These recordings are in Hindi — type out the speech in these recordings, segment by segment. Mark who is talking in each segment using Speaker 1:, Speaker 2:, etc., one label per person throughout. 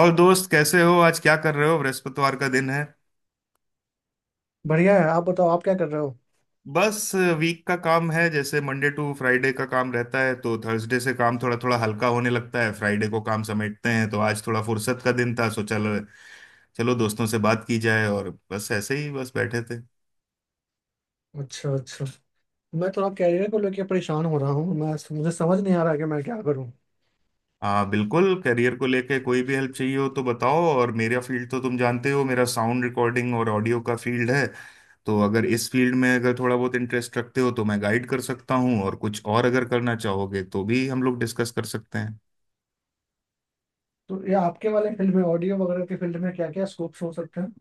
Speaker 1: और दोस्त, कैसे हो? आज क्या कर रहे हो? बृहस्पतिवार का दिन है।
Speaker 2: बढ़िया है। आप बताओ, आप क्या कर रहे हो?
Speaker 1: बस वीक का काम है, जैसे मंडे टू फ्राइडे का काम रहता है, तो थर्सडे से काम थोड़ा थोड़ा हल्का होने लगता है। फ्राइडे को काम समेटते हैं, तो आज थोड़ा फुर्सत का दिन था, सो चलो। चलो दोस्तों से बात की जाए और बस ऐसे ही बस बैठे थे।
Speaker 2: अच्छा अच्छा। मैं थोड़ा कैरियर को लेके परेशान हो रहा हूँ। मैं मुझे समझ नहीं आ रहा कि मैं क्या करूँ।
Speaker 1: हाँ, बिल्कुल, करियर को लेके कोई भी हेल्प चाहिए हो तो बताओ, और मेरा फील्ड तो तुम जानते हो, मेरा साउंड रिकॉर्डिंग और ऑडियो का फील्ड है। तो अगर इस फील्ड में अगर थोड़ा बहुत इंटरेस्ट रखते हो तो मैं गाइड कर सकता हूँ, और कुछ और अगर करना चाहोगे तो भी हम लोग डिस्कस कर सकते हैं।
Speaker 2: तो ये आपके वाले फील्ड में, ऑडियो वगैरह के फील्ड में क्या क्या स्कोप्स हो सकते हैं?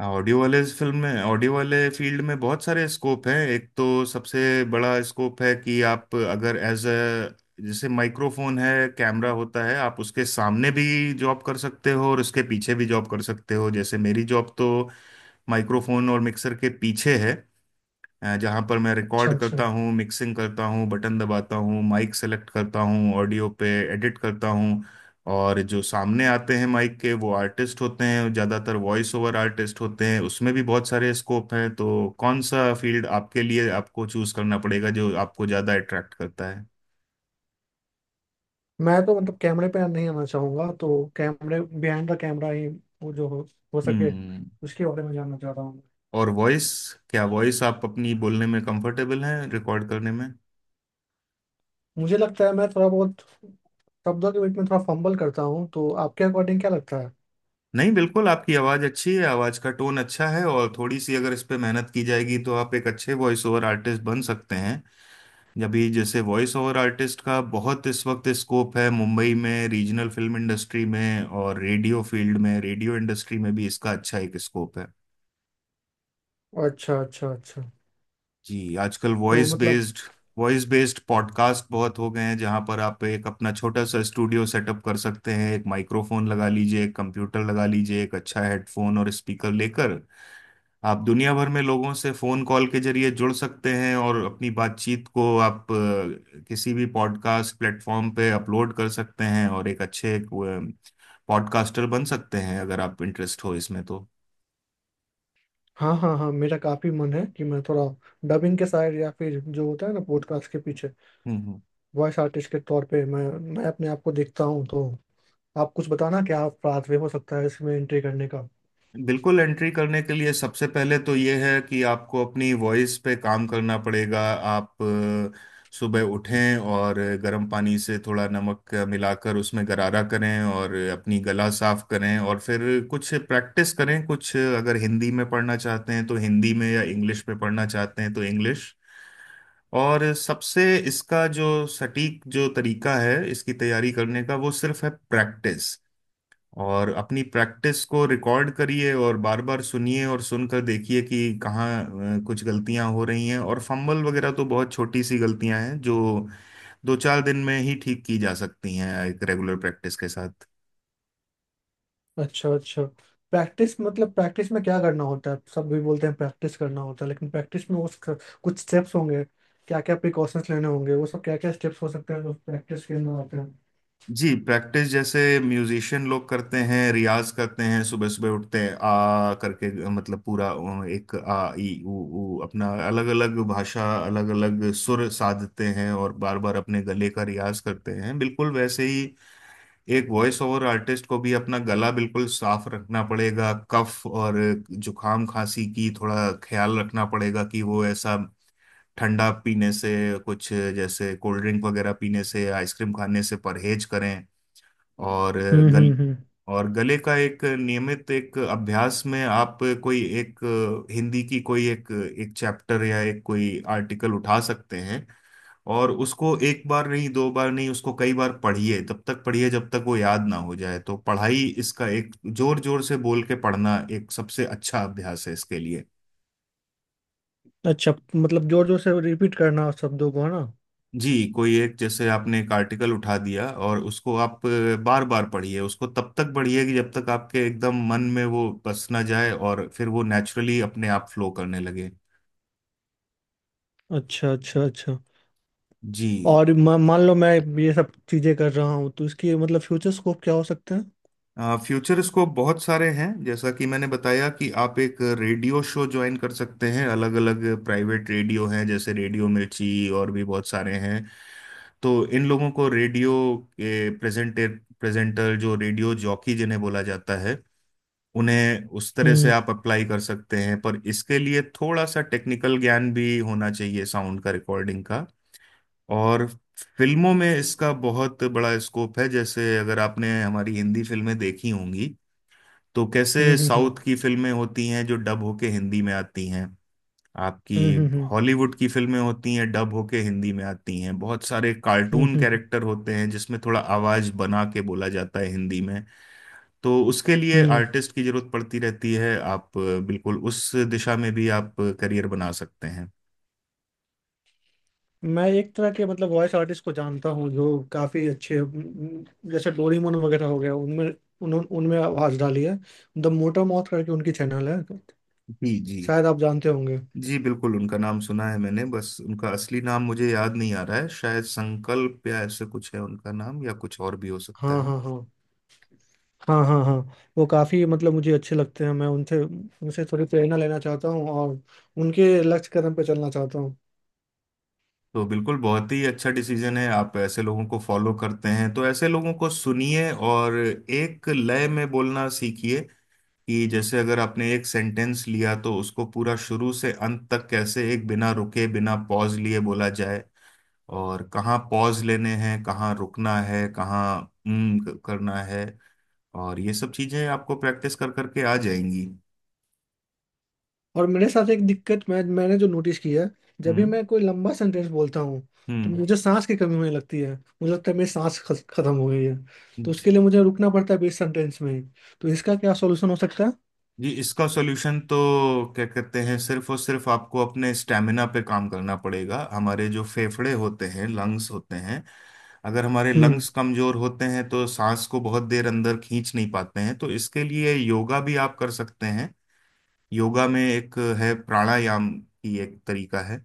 Speaker 1: हाँ, ऑडियो वाले इस फिल्म में ऑडियो वाले फील्ड में बहुत सारे स्कोप हैं। एक तो सबसे बड़ा स्कोप है कि आप अगर एज अ, जैसे माइक्रोफोन है, कैमरा होता है, आप उसके सामने भी जॉब कर सकते हो और उसके पीछे भी जॉब कर सकते हो। जैसे मेरी जॉब तो माइक्रोफोन और मिक्सर के पीछे है। जहाँ पर मैं
Speaker 2: अच्छा
Speaker 1: रिकॉर्ड
Speaker 2: अच्छा।
Speaker 1: करता हूँ, मिक्सिंग करता हूँ, बटन दबाता हूँ, माइक सेलेक्ट करता हूँ, ऑडियो पे एडिट करता हूँ। और जो सामने आते हैं माइक के वो आर्टिस्ट होते हैं, ज़्यादातर वॉइस ओवर आर्टिस्ट होते हैं। उसमें भी बहुत सारे स्कोप हैं। तो कौन सा फील्ड आपके लिए, आपको चूज करना पड़ेगा जो आपको ज़्यादा अट्रैक्ट करता है।
Speaker 2: मैं तो मतलब कैमरे पे नहीं आना चाहूंगा, तो कैमरे बिहाइंड द कैमरा ही वो जो हो सके,
Speaker 1: हम्म।
Speaker 2: उसके बारे में जानना चाह रहा हूँ।
Speaker 1: और वॉइस, क्या वॉइस आप अपनी बोलने में कंफर्टेबल हैं रिकॉर्ड करने में?
Speaker 2: मुझे लगता है मैं थोड़ा बहुत शब्दों के बीच में थोड़ा फंबल करता हूँ। तो आपके अकॉर्डिंग क्या लगता है?
Speaker 1: नहीं, बिल्कुल आपकी आवाज़ अच्छी है, आवाज़ का टोन अच्छा है, और थोड़ी सी अगर इस पे मेहनत की जाएगी तो आप एक अच्छे वॉइस ओवर आर्टिस्ट बन सकते हैं। अभी जैसे वॉइस ओवर आर्टिस्ट का बहुत इस वक्त स्कोप है मुंबई में, रीजनल फिल्म इंडस्ट्री में, और रेडियो फील्ड में, रेडियो इंडस्ट्री में भी इसका अच्छा एक स्कोप है।
Speaker 2: अच्छा अच्छा अच्छा।
Speaker 1: जी, आजकल
Speaker 2: तो मतलब,
Speaker 1: वॉइस बेस्ड पॉडकास्ट बहुत हो गए हैं, जहां पर आप एक अपना छोटा सा स्टूडियो सेटअप कर सकते हैं, एक माइक्रोफोन लगा लीजिए, एक कंप्यूटर लगा लीजिए, एक अच्छा हेडफोन और स्पीकर लेकर आप दुनिया भर में लोगों से फोन कॉल के जरिए जुड़ सकते हैं, और अपनी बातचीत को आप किसी भी पॉडकास्ट प्लेटफॉर्म पे अपलोड कर सकते हैं और एक अच्छे पॉडकास्टर बन सकते हैं अगर आप इंटरेस्ट हो इसमें तो।
Speaker 2: हाँ हाँ हाँ, मेरा काफी मन है कि मैं थोड़ा डबिंग के साइड, या फिर जो होता है ना पॉडकास्ट के पीछे
Speaker 1: हम्म। हम्म।
Speaker 2: वॉइस आर्टिस्ट के तौर पे, मैं अपने आप को देखता हूँ। तो आप कुछ बताना, क्या पाथवे हो सकता है इसमें एंट्री करने का?
Speaker 1: बिल्कुल, एंट्री करने के लिए सबसे पहले तो ये है कि आपको अपनी वॉइस पे काम करना पड़ेगा। आप सुबह उठें और गर्म पानी से थोड़ा नमक मिलाकर उसमें गरारा करें और अपनी गला साफ करें, और फिर कुछ प्रैक्टिस करें। कुछ अगर हिंदी में पढ़ना चाहते हैं तो हिंदी में, या इंग्लिश में पढ़ना चाहते हैं तो इंग्लिश। और सबसे, इसका जो सटीक जो तरीका है इसकी तैयारी करने का, वो सिर्फ है प्रैक्टिस। और अपनी प्रैक्टिस को रिकॉर्ड करिए और बार बार सुनिए और सुनकर देखिए कि कहाँ कुछ गलतियां हो रही हैं, और फंबल वगैरह तो बहुत छोटी सी गलतियां हैं जो दो चार दिन में ही ठीक की जा सकती हैं एक रेगुलर प्रैक्टिस के साथ।
Speaker 2: अच्छा अच्छा। प्रैक्टिस मतलब प्रैक्टिस में क्या करना होता है? सब भी बोलते हैं प्रैक्टिस करना होता है, लेकिन प्रैक्टिस में उस कुछ स्टेप्स होंगे, क्या क्या प्रिकॉशंस लेने होंगे, वो सब क्या क्या स्टेप्स हो सकते हैं जो प्रैक्टिस के अंदर आते हैं?
Speaker 1: जी, प्रैक्टिस जैसे म्यूजिशियन लोग करते हैं, रियाज करते हैं, सुबह सुबह उठते हैं, आ करके मतलब पूरा एक आ ई उ ऊ, अपना अलग अलग भाषा, अलग अलग सुर साधते हैं, और बार बार अपने गले का रियाज करते हैं। बिल्कुल वैसे ही एक वॉइस ओवर आर्टिस्ट को भी अपना गला बिल्कुल साफ रखना पड़ेगा। कफ और जुकाम खांसी की थोड़ा ख्याल रखना पड़ेगा कि वो ऐसा ठंडा पीने से, कुछ जैसे कोल्ड ड्रिंक वगैरह पीने से, आइसक्रीम खाने से परहेज करें। और गल
Speaker 2: हम्म।
Speaker 1: और गले का एक नियमित एक अभ्यास में आप कोई एक हिंदी की कोई एक एक चैप्टर या एक कोई आर्टिकल उठा सकते हैं, और उसको एक बार नहीं, दो बार नहीं, उसको कई बार पढ़िए, तब तक पढ़िए जब तक वो याद ना हो जाए। तो पढ़ाई, इसका एक जोर जोर से बोल के पढ़ना एक सबसे अच्छा अभ्यास है इसके लिए।
Speaker 2: अच्छा, मतलब जोर जोर से रिपीट करना शब्दों को, है ना?
Speaker 1: जी, कोई एक, जैसे आपने एक आर्टिकल उठा दिया और उसको आप बार बार पढ़िए, उसको तब तक पढ़िए कि जब तक आपके एकदम मन में वो बस ना जाए और फिर वो नेचुरली अपने आप फ्लो करने लगे।
Speaker 2: अच्छा अच्छा अच्छा।
Speaker 1: जी।
Speaker 2: और मान लो मैं ये सब चीजें कर रहा हूँ, तो इसकी मतलब फ्यूचर स्कोप क्या हो सकते हैं?
Speaker 1: फ्यूचर स्कोप बहुत सारे हैं, जैसा कि मैंने बताया कि आप एक रेडियो शो ज्वाइन कर सकते हैं, अलग अलग प्राइवेट रेडियो हैं जैसे रेडियो मिर्ची, और भी बहुत सारे हैं। तो इन लोगों को, रेडियो के प्रेजेंटर प्रेजेंटर जो रेडियो जॉकी जिन्हें बोला जाता है, उन्हें उस तरह से
Speaker 2: हम्म
Speaker 1: आप अप्लाई कर सकते हैं, पर इसके लिए थोड़ा सा टेक्निकल ज्ञान भी होना चाहिए, साउंड का, रिकॉर्डिंग का। और फिल्मों में इसका बहुत बड़ा स्कोप है। जैसे अगर आपने हमारी हिंदी फिल्में देखी होंगी, तो कैसे
Speaker 2: हम्म।
Speaker 1: साउथ की फिल्में होती हैं जो डब होके हिंदी में आती हैं, आपकी
Speaker 2: हम्म।
Speaker 1: हॉलीवुड की फिल्में होती हैं डब होके हिंदी में आती हैं। बहुत सारे
Speaker 2: हम्म
Speaker 1: कार्टून
Speaker 2: हम्म, हम्म।
Speaker 1: कैरेक्टर होते हैं जिसमें थोड़ा आवाज बना के बोला जाता है हिंदी में। तो उसके लिए
Speaker 2: हम्म।
Speaker 1: आर्टिस्ट की जरूरत पड़ती रहती है। आप बिल्कुल उस दिशा में भी आप करियर बना सकते हैं।
Speaker 2: मैं एक तरह के मतलब वॉइस आर्टिस्ट को जानता हूँ जो काफी अच्छे, जैसे डोरेमोन वगैरह हो गया, उनमें उनमें आवाज डाली है। द मोटर मौथ करके उनकी चैनल है,
Speaker 1: जी जी।
Speaker 2: शायद आप जानते होंगे।
Speaker 1: जी बिल्कुल, उनका नाम सुना है मैंने, बस उनका असली नाम मुझे याद नहीं आ रहा है। शायद संकल्प या ऐसे कुछ है उनका नाम, या कुछ और भी हो सकता
Speaker 2: हाँ
Speaker 1: है।
Speaker 2: हाँ हाँ। हाँ हाँ हाँ। वो काफ़ी मतलब मुझे अच्छे लगते हैं। मैं उनसे उनसे थोड़ी प्रेरणा लेना चाहता हूँ और उनके लक्ष्य कदम पे चलना चाहता हूँ।
Speaker 1: तो बिल्कुल, बहुत ही अच्छा डिसीजन है। आप ऐसे लोगों को फॉलो करते हैं तो ऐसे लोगों को सुनिए और एक लय में बोलना सीखिए कि जैसे अगर आपने एक सेंटेंस लिया तो उसको पूरा शुरू से अंत तक कैसे एक बिना रुके, बिना पॉज लिए बोला जाए, और कहाँ पॉज लेने हैं, कहाँ रुकना है, कहाँ करना है। और ये सब चीजें आपको प्रैक्टिस कर करके आ जाएंगी।
Speaker 2: और मेरे साथ एक दिक्कत मैंने जो नोटिस की है, जब भी
Speaker 1: हम्म।
Speaker 2: मैं कोई लंबा सेंटेंस बोलता हूँ तो मुझे सांस की कमी होने लगती है। मुझे लगता है मेरी सांस खत्म हो गई है। तो
Speaker 1: हम्म।
Speaker 2: उसके लिए मुझे रुकना पड़ता है बीच सेंटेंस में ही। तो इसका क्या सॉल्यूशन हो सकता है?
Speaker 1: जी, इसका सॉल्यूशन तो, क्या कहते हैं, सिर्फ और सिर्फ आपको अपने स्टेमिना पे काम करना पड़ेगा। हमारे जो फेफड़े होते हैं, लंग्स होते हैं, अगर हमारे
Speaker 2: हम्म।
Speaker 1: लंग्स कमजोर होते हैं तो सांस को बहुत देर अंदर खींच नहीं पाते हैं। तो इसके लिए योगा भी आप कर सकते हैं। योगा में एक है, प्राणायाम की एक तरीका है।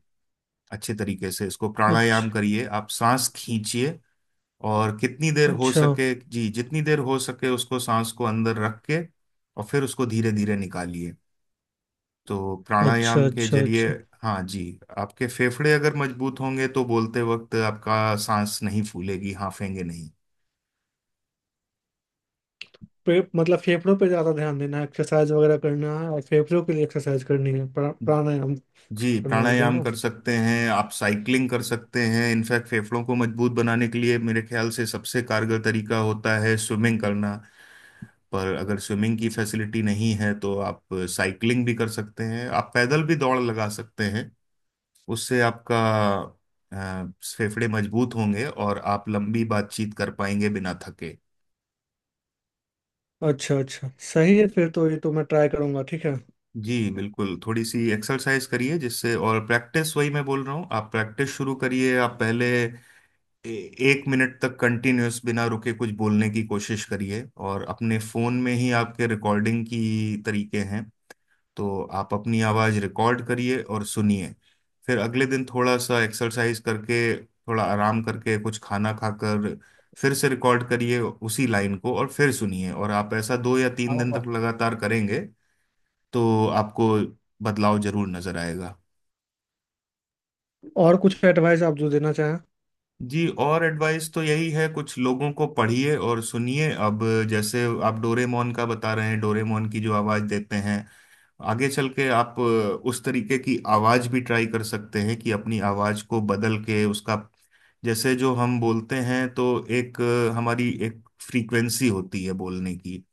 Speaker 1: अच्छे तरीके से इसको प्राणायाम
Speaker 2: अच्छा
Speaker 1: करिए, आप सांस खींचिए और कितनी देर हो
Speaker 2: अच्छा
Speaker 1: सके, जी जितनी देर हो सके, उसको सांस को अंदर रख के और फिर उसको धीरे धीरे निकालिए। तो
Speaker 2: अच्छा।
Speaker 1: प्राणायाम के
Speaker 2: अच्छा।
Speaker 1: जरिए,
Speaker 2: अच्छा।
Speaker 1: हाँ जी, आपके फेफड़े अगर मजबूत होंगे तो बोलते वक्त आपका सांस नहीं फूलेगी, हांफेंगे नहीं।
Speaker 2: मतलब फेफड़ों पे ज़्यादा ध्यान देना है, एक्सरसाइज वगैरह करना है, और फेफड़ों के लिए एक्सरसाइज करनी है, प्राणायाम
Speaker 1: जी,
Speaker 2: करना हो
Speaker 1: प्राणायाम
Speaker 2: जाना।
Speaker 1: कर सकते हैं, आप साइकिलिंग कर सकते हैं, इनफैक्ट फेफड़ों को मजबूत बनाने के लिए मेरे ख्याल से सबसे कारगर तरीका होता है स्विमिंग करना। पर अगर स्विमिंग की फैसिलिटी नहीं है तो आप साइकिलिंग भी कर सकते हैं, आप पैदल भी दौड़ लगा सकते हैं, उससे आपका अ, फेफड़े मजबूत होंगे और आप लंबी बातचीत कर पाएंगे बिना थके।
Speaker 2: अच्छा अच्छा, सही है फिर तो। ये तो मैं ट्राई करूंगा, ठीक है।
Speaker 1: जी बिल्कुल, थोड़ी सी एक्सरसाइज करिए जिससे, और प्रैक्टिस वही मैं बोल रहा हूँ, आप प्रैक्टिस शुरू करिए, आप पहले ए- 1 मिनट तक कंटिन्यूअस बिना रुके कुछ बोलने की कोशिश करिए, और अपने फोन में ही आपके रिकॉर्डिंग की तरीके हैं, तो आप अपनी आवाज रिकॉर्ड करिए और सुनिए। फिर अगले दिन थोड़ा सा एक्सरसाइज करके, थोड़ा आराम करके, कुछ खाना खाकर फिर से रिकॉर्ड करिए उसी लाइन को और फिर सुनिए, और आप ऐसा
Speaker 2: हाँ,
Speaker 1: 2 या 3 दिन तक
Speaker 2: होगा।
Speaker 1: लगातार करेंगे तो आपको बदलाव जरूर नजर आएगा।
Speaker 2: और कुछ एडवाइस आप जो देना चाहें?
Speaker 1: जी, और एडवाइस तो यही है, कुछ लोगों को पढ़िए और सुनिए। अब जैसे आप डोरेमोन का बता रहे हैं, डोरेमोन की जो आवाज देते हैं, आगे चल के आप उस तरीके की आवाज भी ट्राई कर सकते हैं कि अपनी आवाज को बदल के उसका, जैसे जो हम बोलते हैं तो एक, हमारी एक फ्रीक्वेंसी होती है बोलने की,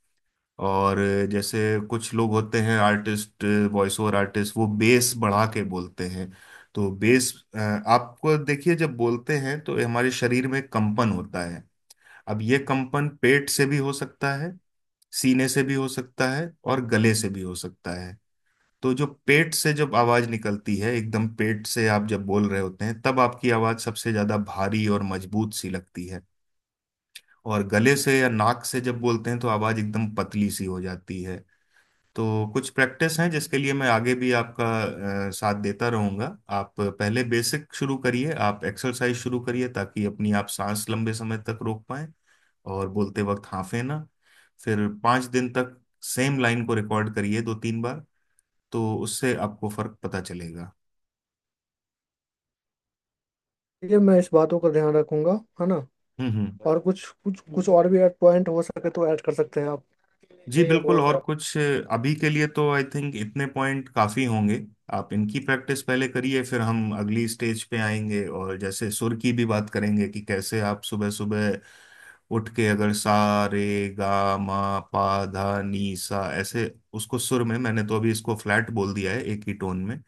Speaker 1: और जैसे कुछ लोग होते हैं आर्टिस्ट, वॉइस ओवर आर्टिस्ट, वो बेस बढ़ा के बोलते हैं। तो बेस, आपको देखिए, जब बोलते हैं तो हमारे शरीर में कंपन होता है। अब ये कंपन पेट से भी हो सकता है, सीने से भी हो सकता है, और गले से भी हो सकता है। तो जो पेट से जब आवाज निकलती है, एकदम पेट से आप जब बोल रहे होते हैं तब आपकी आवाज सबसे ज्यादा भारी और मजबूत सी लगती है, और गले से या नाक से जब बोलते हैं तो आवाज एकदम पतली सी हो जाती है। तो कुछ प्रैक्टिस हैं जिसके लिए मैं आगे भी आपका साथ देता रहूंगा। आप पहले बेसिक शुरू करिए, आप एक्सरसाइज शुरू करिए ताकि अपनी आप सांस लंबे समय तक रोक पाए और बोलते वक्त हांफे ना। फिर 5 दिन तक सेम लाइन को रिकॉर्ड करिए दो तीन बार, तो उससे आपको फर्क पता चलेगा।
Speaker 2: ये मैं इस बातों का ध्यान रखूंगा, है ना?
Speaker 1: हम्म। हम्म।
Speaker 2: और कुछ कुछ कुछ और भी ऐड पॉइंट हो सके तो ऐड कर सकते हैं आप।
Speaker 1: जी बिल्कुल, और कुछ, अभी के लिए तो आई थिंक इतने पॉइंट काफी होंगे। आप इनकी प्रैक्टिस पहले करिए, फिर हम अगली स्टेज पे आएंगे और जैसे सुर की भी बात करेंगे कि कैसे आप सुबह सुबह उठ के, अगर सा रे गा मा पा धा नी सा, ऐसे उसको सुर में, मैंने तो अभी इसको फ्लैट बोल दिया है एक ही टोन में,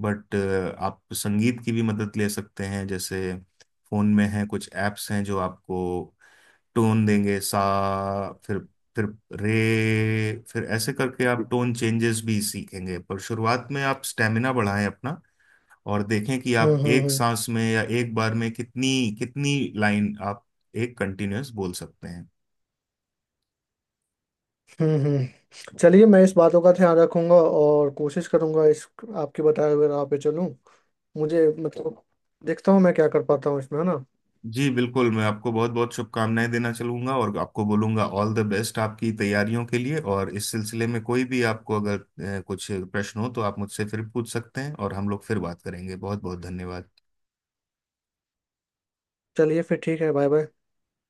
Speaker 1: बट आप संगीत की भी मदद ले सकते हैं। जैसे फोन में हैं कुछ एप्स हैं जो आपको टोन देंगे, सा, फिर फिर रे, फिर ऐसे करके आप टोन चेंजेस भी सीखेंगे, पर शुरुआत में आप स्टेमिना बढ़ाएं अपना, और देखें कि
Speaker 2: हम्म
Speaker 1: आप
Speaker 2: हम्म
Speaker 1: एक
Speaker 2: हम्म
Speaker 1: सांस में या एक बार में कितनी कितनी लाइन आप एक कंटिन्यूअस बोल सकते हैं।
Speaker 2: चलिए, मैं इस बातों का ध्यान रखूंगा और कोशिश करूंगा इस आपके बताए हुए राह पे चलूं। मुझे मतलब, देखता हूँ मैं क्या कर पाता हूँ इसमें, है ना?
Speaker 1: जी बिल्कुल, मैं आपको बहुत बहुत शुभकामनाएं देना चलूंगा और आपको बोलूंगा ऑल द बेस्ट आपकी तैयारियों के लिए, और इस सिलसिले में कोई भी आपको अगर कुछ प्रश्न हो तो आप मुझसे फिर पूछ सकते हैं और हम लोग फिर बात करेंगे। बहुत बहुत धन्यवाद।
Speaker 2: चलिए फिर ठीक है, बाय बाय।